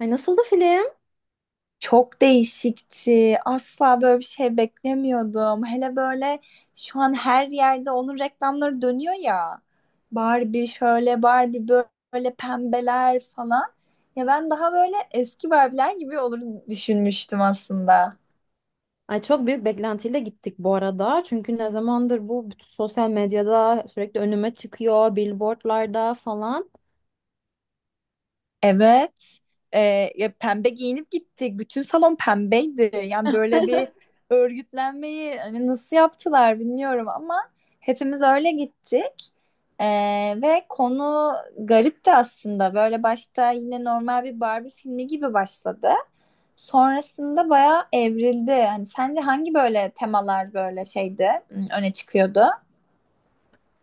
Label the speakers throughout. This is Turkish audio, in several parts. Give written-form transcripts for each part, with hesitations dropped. Speaker 1: Ay, nasıldı film?
Speaker 2: Çok değişikti. Asla böyle bir şey beklemiyordum. Hele böyle şu an her yerde onun reklamları dönüyor ya. Barbie şöyle, Barbie böyle pembeler falan. Ya ben daha böyle eski Barbie'ler gibi olur düşünmüştüm aslında.
Speaker 1: Ay, çok büyük beklentiyle gittik bu arada. Çünkü ne zamandır bu bütün sosyal medyada sürekli önüme çıkıyor, billboardlarda falan.
Speaker 2: Evet. Ya pembe giyinip gittik. Bütün salon pembeydi. Yani böyle bir örgütlenmeyi hani nasıl yaptılar bilmiyorum ama hepimiz öyle gittik. Ee, Ve konu garipti aslında. Böyle başta yine normal bir Barbie filmi gibi başladı. Sonrasında bayağı evrildi. Hani sence hangi böyle temalar böyle şeydi, öne çıkıyordu?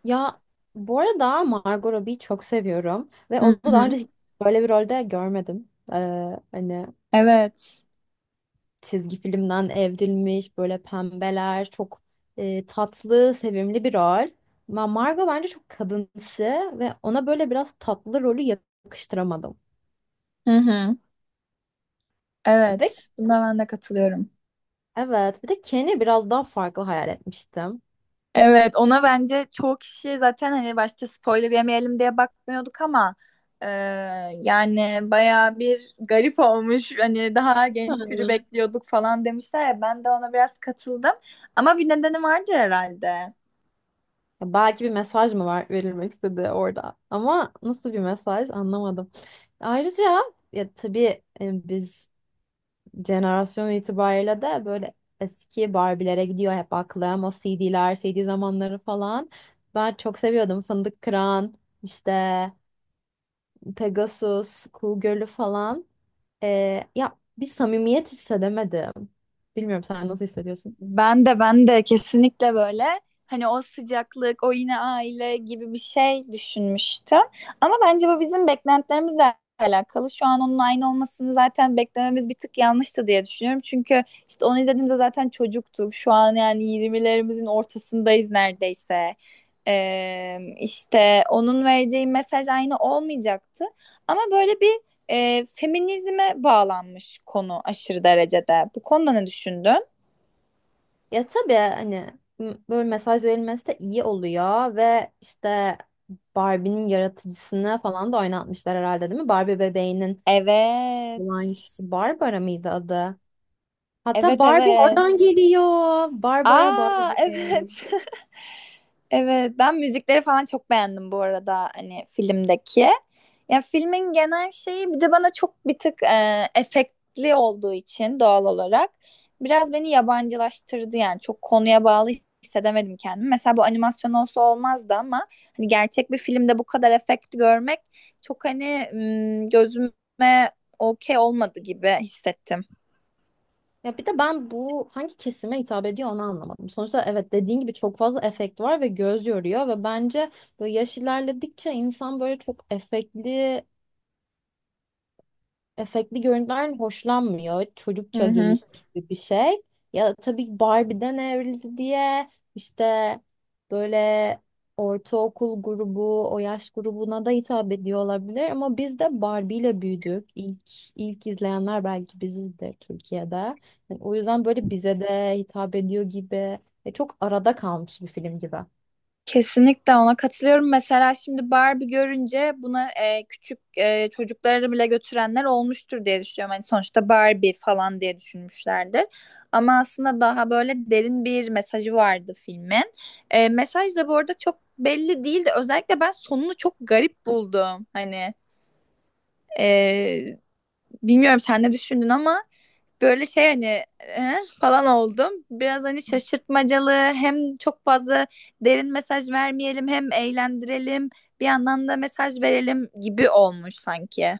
Speaker 1: Ya, bu arada Margot Robbie'yi çok seviyorum ve
Speaker 2: Hı
Speaker 1: onu daha
Speaker 2: hı.
Speaker 1: önce hiç böyle bir rolde görmedim. Hani
Speaker 2: Evet.
Speaker 1: çizgi filmden evrilmiş, böyle pembeler, çok tatlı, sevimli bir rol. Ama Margot bence çok kadınsı ve ona böyle biraz tatlı rolü yakıştıramadım.
Speaker 2: Hı hı.
Speaker 1: Ve
Speaker 2: Evet, buna ben de katılıyorum.
Speaker 1: evet, bir de Ken'i biraz daha farklı hayal etmiştim.
Speaker 2: Evet, ona bence çoğu kişi zaten hani başta spoiler yemeyelim diye bakmıyorduk ama e, yani baya bir garip olmuş. Hani daha genç biri
Speaker 1: Hmm.
Speaker 2: bekliyorduk falan demişler ya ben de ona biraz katıldım. Ama bir nedeni vardır herhalde.
Speaker 1: Ya, belki bir mesaj mı var verilmek istedi orada ama nasıl bir mesaj anlamadım. Ayrıca ya tabii, biz jenerasyon itibariyle de böyle eski Barbie'lere gidiyor hep aklım. O CD'ler, CD zamanları falan. Ben çok seviyordum. Fındık Kıran, işte Pegasus, Kuğu Gölü falan. E, ya bir samimiyet hissedemedim. Bilmiyorum, sen nasıl hissediyorsun?
Speaker 2: Ben de kesinlikle böyle hani o sıcaklık, o yine aile gibi bir şey düşünmüştüm. Ama bence bu bizim beklentilerimizle alakalı. Şu an onun aynı olmasını zaten beklememiz bir tık yanlıştı diye düşünüyorum. Çünkü işte onu izlediğimde zaten çocuktuk. Şu an yani 20'lerimizin ortasındayız neredeyse. İşte onun vereceği mesaj aynı olmayacaktı. Ama böyle bir feminizme bağlanmış konu aşırı derecede. Bu konuda ne düşündün?
Speaker 1: Ya tabii hani böyle mesaj verilmesi de iyi oluyor ve işte Barbie'nin yaratıcısını falan da oynatmışlar herhalde, değil mi? Barbie bebeğinin olan
Speaker 2: Evet.
Speaker 1: kişi Barbara mıydı adı? Hatta
Speaker 2: Evet,
Speaker 1: Barbie oradan
Speaker 2: evet.
Speaker 1: geliyor. Barbara,
Speaker 2: Aa,
Speaker 1: Barbie.
Speaker 2: evet. Evet, ben müzikleri falan çok beğendim bu arada hani filmdeki. Ya filmin genel şeyi bir de bana çok bir tık efektli olduğu için doğal olarak biraz beni yabancılaştırdı, yani çok konuya bağlı hissedemedim kendimi. Mesela bu animasyon olsa olmazdı ama hani gerçek bir filmde bu kadar efekt görmek çok hani gözüme okey olmadı gibi hissettim.
Speaker 1: Ya bir de ben bu hangi kesime hitap ediyor onu anlamadım. Sonuçta evet, dediğin gibi çok fazla efekt var ve göz yoruyor ve bence böyle yaş ilerledikçe insan böyle çok efektli görüntülerden hoşlanmıyor. Çocukça
Speaker 2: Hı
Speaker 1: geliyor
Speaker 2: hı.
Speaker 1: gibi bir şey. Ya tabii Barbie'den evrildi diye işte böyle ortaokul grubu, o yaş grubuna da hitap ediyor olabilir ama biz de Barbie ile büyüdük. İlk izleyenler belki bizizdir Türkiye'de. Yani o yüzden böyle bize de hitap ediyor gibi. Ya çok arada kalmış bir film gibi.
Speaker 2: Kesinlikle ona katılıyorum. Mesela şimdi Barbie görünce buna küçük çocukları bile götürenler olmuştur diye düşünüyorum. Hani sonuçta Barbie falan diye düşünmüşlerdir. Ama aslında daha böyle derin bir mesajı vardı filmin. Mesaj da bu arada çok belli değildi. Özellikle ben sonunu çok garip buldum. Hani e, bilmiyorum sen ne düşündün ama. Böyle şey hani "Eh?" falan oldum. Biraz hani şaşırtmacalı, hem çok fazla derin mesaj vermeyelim hem eğlendirelim bir yandan da mesaj verelim gibi olmuş sanki.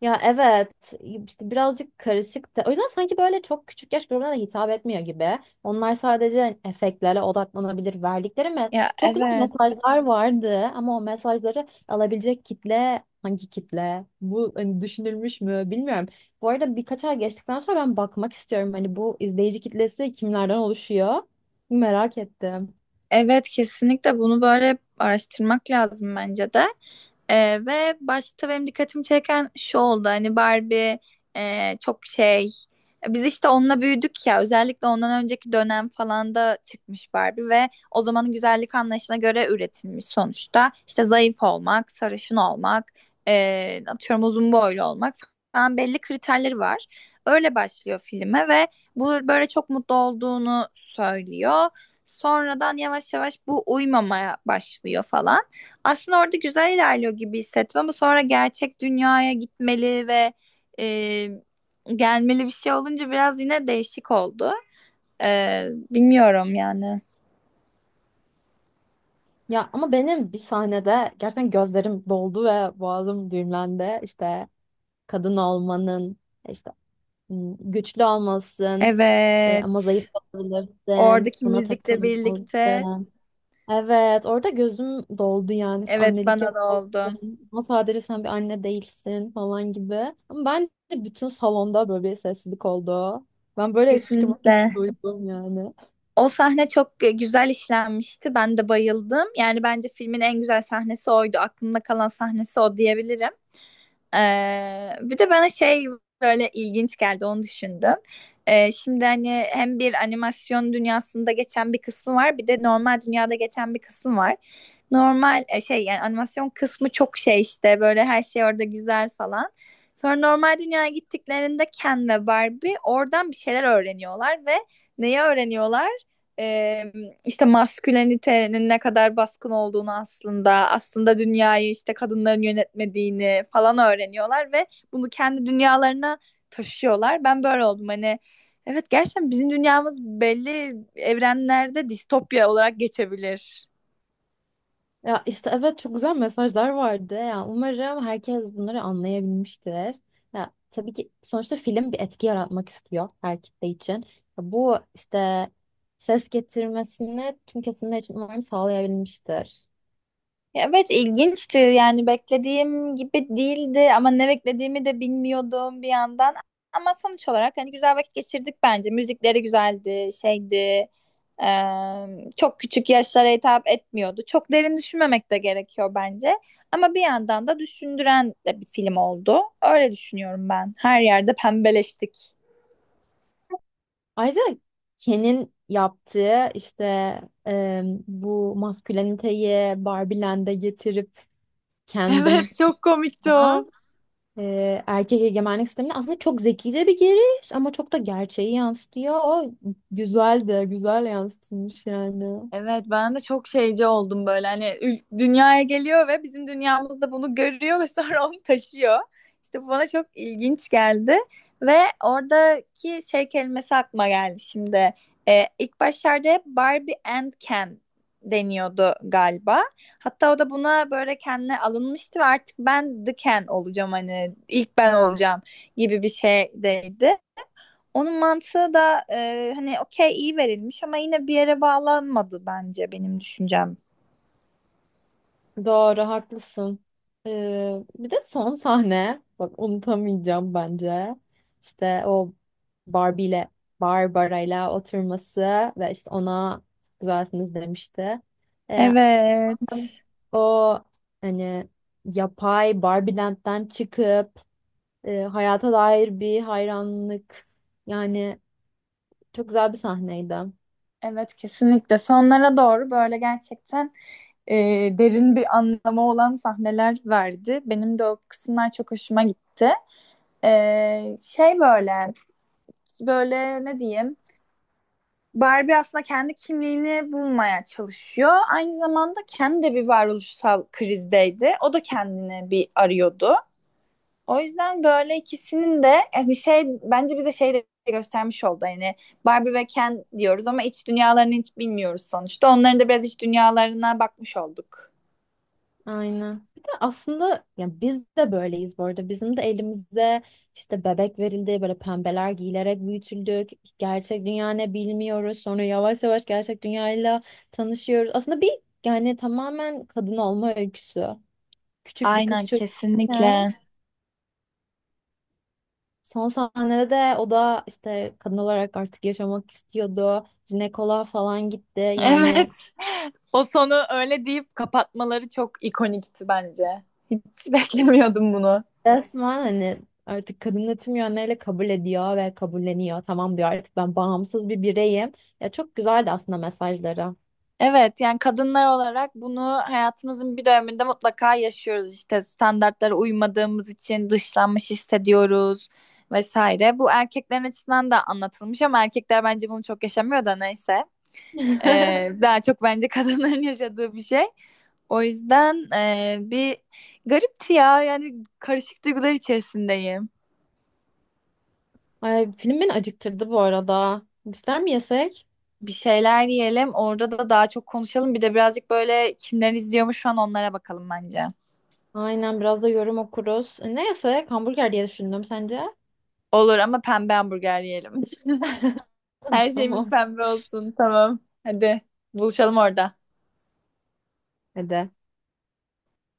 Speaker 1: Ya evet, işte birazcık karışık da, o yüzden sanki böyle çok küçük yaş grubuna da hitap etmiyor gibi. Onlar sadece efektlere odaklanabilir, verdikleri
Speaker 2: Ya,
Speaker 1: çok güzel
Speaker 2: evet.
Speaker 1: mesajlar vardı ama o mesajları alabilecek kitle hangi kitle? Bu hani düşünülmüş mü bilmiyorum. Bu arada birkaç ay geçtikten sonra ben bakmak istiyorum, hani bu izleyici kitlesi kimlerden oluşuyor? Merak ettim.
Speaker 2: Evet, kesinlikle bunu böyle araştırmak lazım bence de. Ve başta benim dikkatimi çeken şu oldu hani Barbie e, çok şey biz işte onunla büyüdük ya, özellikle ondan önceki dönem falan da çıkmış Barbie ve o zamanın güzellik anlayışına göre üretilmiş sonuçta. İşte zayıf olmak, sarışın olmak, atıyorum uzun boylu olmak falan, belli kriterleri var. Öyle başlıyor filme ve bu böyle çok mutlu olduğunu söylüyor. Sonradan yavaş yavaş bu uyumamaya başlıyor falan. Aslında orada güzel ilerliyor gibi hissettim ama sonra gerçek dünyaya gitmeli ve e, gelmeli bir şey olunca biraz yine değişik oldu. Bilmiyorum yani.
Speaker 1: Ya ama benim bir sahnede gerçekten gözlerim doldu ve boğazım düğümlendi. İşte kadın olmanın işte, hmm, güçlü olmalısın, ama
Speaker 2: Evet.
Speaker 1: zayıf olabilirsin.
Speaker 2: Oradaki
Speaker 1: Buna
Speaker 2: müzikle birlikte
Speaker 1: takılmalısın. Evet, orada gözüm doldu yani. İşte
Speaker 2: evet,
Speaker 1: annelik
Speaker 2: bana da oldu.
Speaker 1: yapmalısın. Ama sadece sen bir anne değilsin falan gibi. Ama bence bütün salonda böyle bir sessizlik oldu. Ben böyle hıçkırmak
Speaker 2: Kesinlikle.
Speaker 1: duydum yani.
Speaker 2: O sahne çok güzel işlenmişti. Ben de bayıldım. Yani bence filmin en güzel sahnesi oydu. Aklımda kalan sahnesi o diyebilirim. Bir de bana şey böyle ilginç geldi, onu düşündüm. Şimdi hani hem bir animasyon dünyasında geçen bir kısmı var bir de normal dünyada geçen bir kısmı var. Normal yani animasyon kısmı çok şey işte böyle her şey orada güzel falan. Sonra normal dünyaya gittiklerinde Ken ve Barbie oradan bir şeyler öğreniyorlar ve neyi öğreniyorlar? İşte maskülenitenin ne kadar baskın olduğunu, aslında dünyayı işte kadınların yönetmediğini falan öğreniyorlar ve bunu kendi dünyalarına taşıyorlar. Ben böyle oldum, hani evet, gerçekten bizim dünyamız belli evrenlerde distopya olarak geçebilir.
Speaker 1: Ya işte evet, çok güzel mesajlar vardı. Ya umarım herkes bunları anlayabilmiştir. Ya tabii ki sonuçta film bir etki yaratmak istiyor her kitle için. Ya bu işte ses getirmesini tüm kesimler için umarım sağlayabilmiştir.
Speaker 2: Ya, evet, ilginçti yani, beklediğim gibi değildi ama ne beklediğimi de bilmiyordum bir yandan. Ama sonuç olarak hani güzel vakit geçirdik, bence müzikleri güzeldi, şeydi, çok küçük yaşlara hitap etmiyordu, çok derin düşünmemek de gerekiyor bence ama bir yandan da düşündüren de bir film oldu, öyle düşünüyorum. Ben her yerde pembeleştik.
Speaker 1: Ayrıca Ken'in yaptığı işte, bu masküleniteyi Barbieland'e getirip kendim,
Speaker 2: Evet, çok komikti o.
Speaker 1: erkek egemenlik sistemine aslında çok zekice bir giriş ama çok da gerçeği yansıtıyor. O güzel de güzel yansıtılmış yani.
Speaker 2: Evet, ben de çok şeyci oldum, böyle hani dünyaya geliyor ve bizim dünyamızda bunu görüyor ve sonra onu taşıyor. İşte bu bana çok ilginç geldi ve oradaki şey kelimesi aklıma geldi şimdi. İlk başlarda hep "Barbie and Ken" deniyordu galiba. Hatta o da buna böyle kendine alınmıştı ve "Artık ben The Ken olacağım, hani ilk ben olacağım" gibi bir şeydeydi. Onun mantığı da hani okey, iyi verilmiş ama yine bir yere bağlanmadı bence, benim düşüncem.
Speaker 1: Doğru, haklısın. E, bir de son sahne, bak, unutamayacağım bence. İşte o Barbie ile Barbara ile oturması ve işte ona güzelsiniz demişti. E,
Speaker 2: Evet.
Speaker 1: o hani yapay Barbie Land'den çıkıp hayata dair bir hayranlık. Yani çok güzel bir sahneydi.
Speaker 2: Evet, kesinlikle. Sonlara doğru böyle gerçekten e, derin bir anlamı olan sahneler verdi. Benim de o kısımlar çok hoşuma gitti. E, şey böyle böyle ne diyeyim? Barbie aslında kendi kimliğini bulmaya çalışıyor. Aynı zamanda kendi de bir varoluşsal krizdeydi. O da kendini bir arıyordu. O yüzden böyle ikisinin de e, bir şey bence bize şey de göstermiş oldu. Yani Barbie ve Ken diyoruz ama iç dünyalarını hiç bilmiyoruz sonuçta. Onların da biraz iç dünyalarına bakmış olduk.
Speaker 1: Aynen. Bir de aslında yani biz de böyleyiz bu arada. Bizim de elimize işte bebek verildi, böyle pembeler giyilerek büyütüldük. Gerçek dünya ne bilmiyoruz. Sonra yavaş yavaş gerçek dünyayla tanışıyoruz. Aslında bir, yani tamamen kadın olma öyküsü. Küçük bir kız
Speaker 2: Aynen,
Speaker 1: çocukken
Speaker 2: kesinlikle.
Speaker 1: son sahnede de o da işte kadın olarak artık yaşamak istiyordu. Jinekoloğa falan gitti. Yani
Speaker 2: Evet. O sonu öyle deyip kapatmaları çok ikonikti bence. Hiç beklemiyordum bunu.
Speaker 1: resmen hani artık kadını tüm yönleriyle kabul ediyor ve kabulleniyor. Tamam diyor, artık ben bağımsız bir bireyim. Ya çok güzeldi aslında mesajları.
Speaker 2: Evet, yani kadınlar olarak bunu hayatımızın bir döneminde mutlaka yaşıyoruz, işte standartlara uymadığımız için dışlanmış hissediyoruz vesaire. Bu erkeklerin açısından da anlatılmış ama erkekler bence bunu çok yaşamıyor da, neyse. Daha çok bence kadınların yaşadığı bir şey. O yüzden bir garipti ya, yani karışık duygular içerisindeyim.
Speaker 1: Ay, film beni acıktırdı bu arada. Bizler mi yesek?
Speaker 2: Bir şeyler yiyelim, orada da daha çok konuşalım, bir de birazcık böyle kimler izliyormuş şu an, onlara bakalım bence.
Speaker 1: Aynen, biraz da yorum okuruz. Ne yesek? Hamburger diye düşündüm, sence?
Speaker 2: Olur ama pembe hamburger yiyelim. Her şeyimiz
Speaker 1: Tamam.
Speaker 2: pembe olsun. Tamam. Hadi, buluşalım orada.
Speaker 1: Hadi.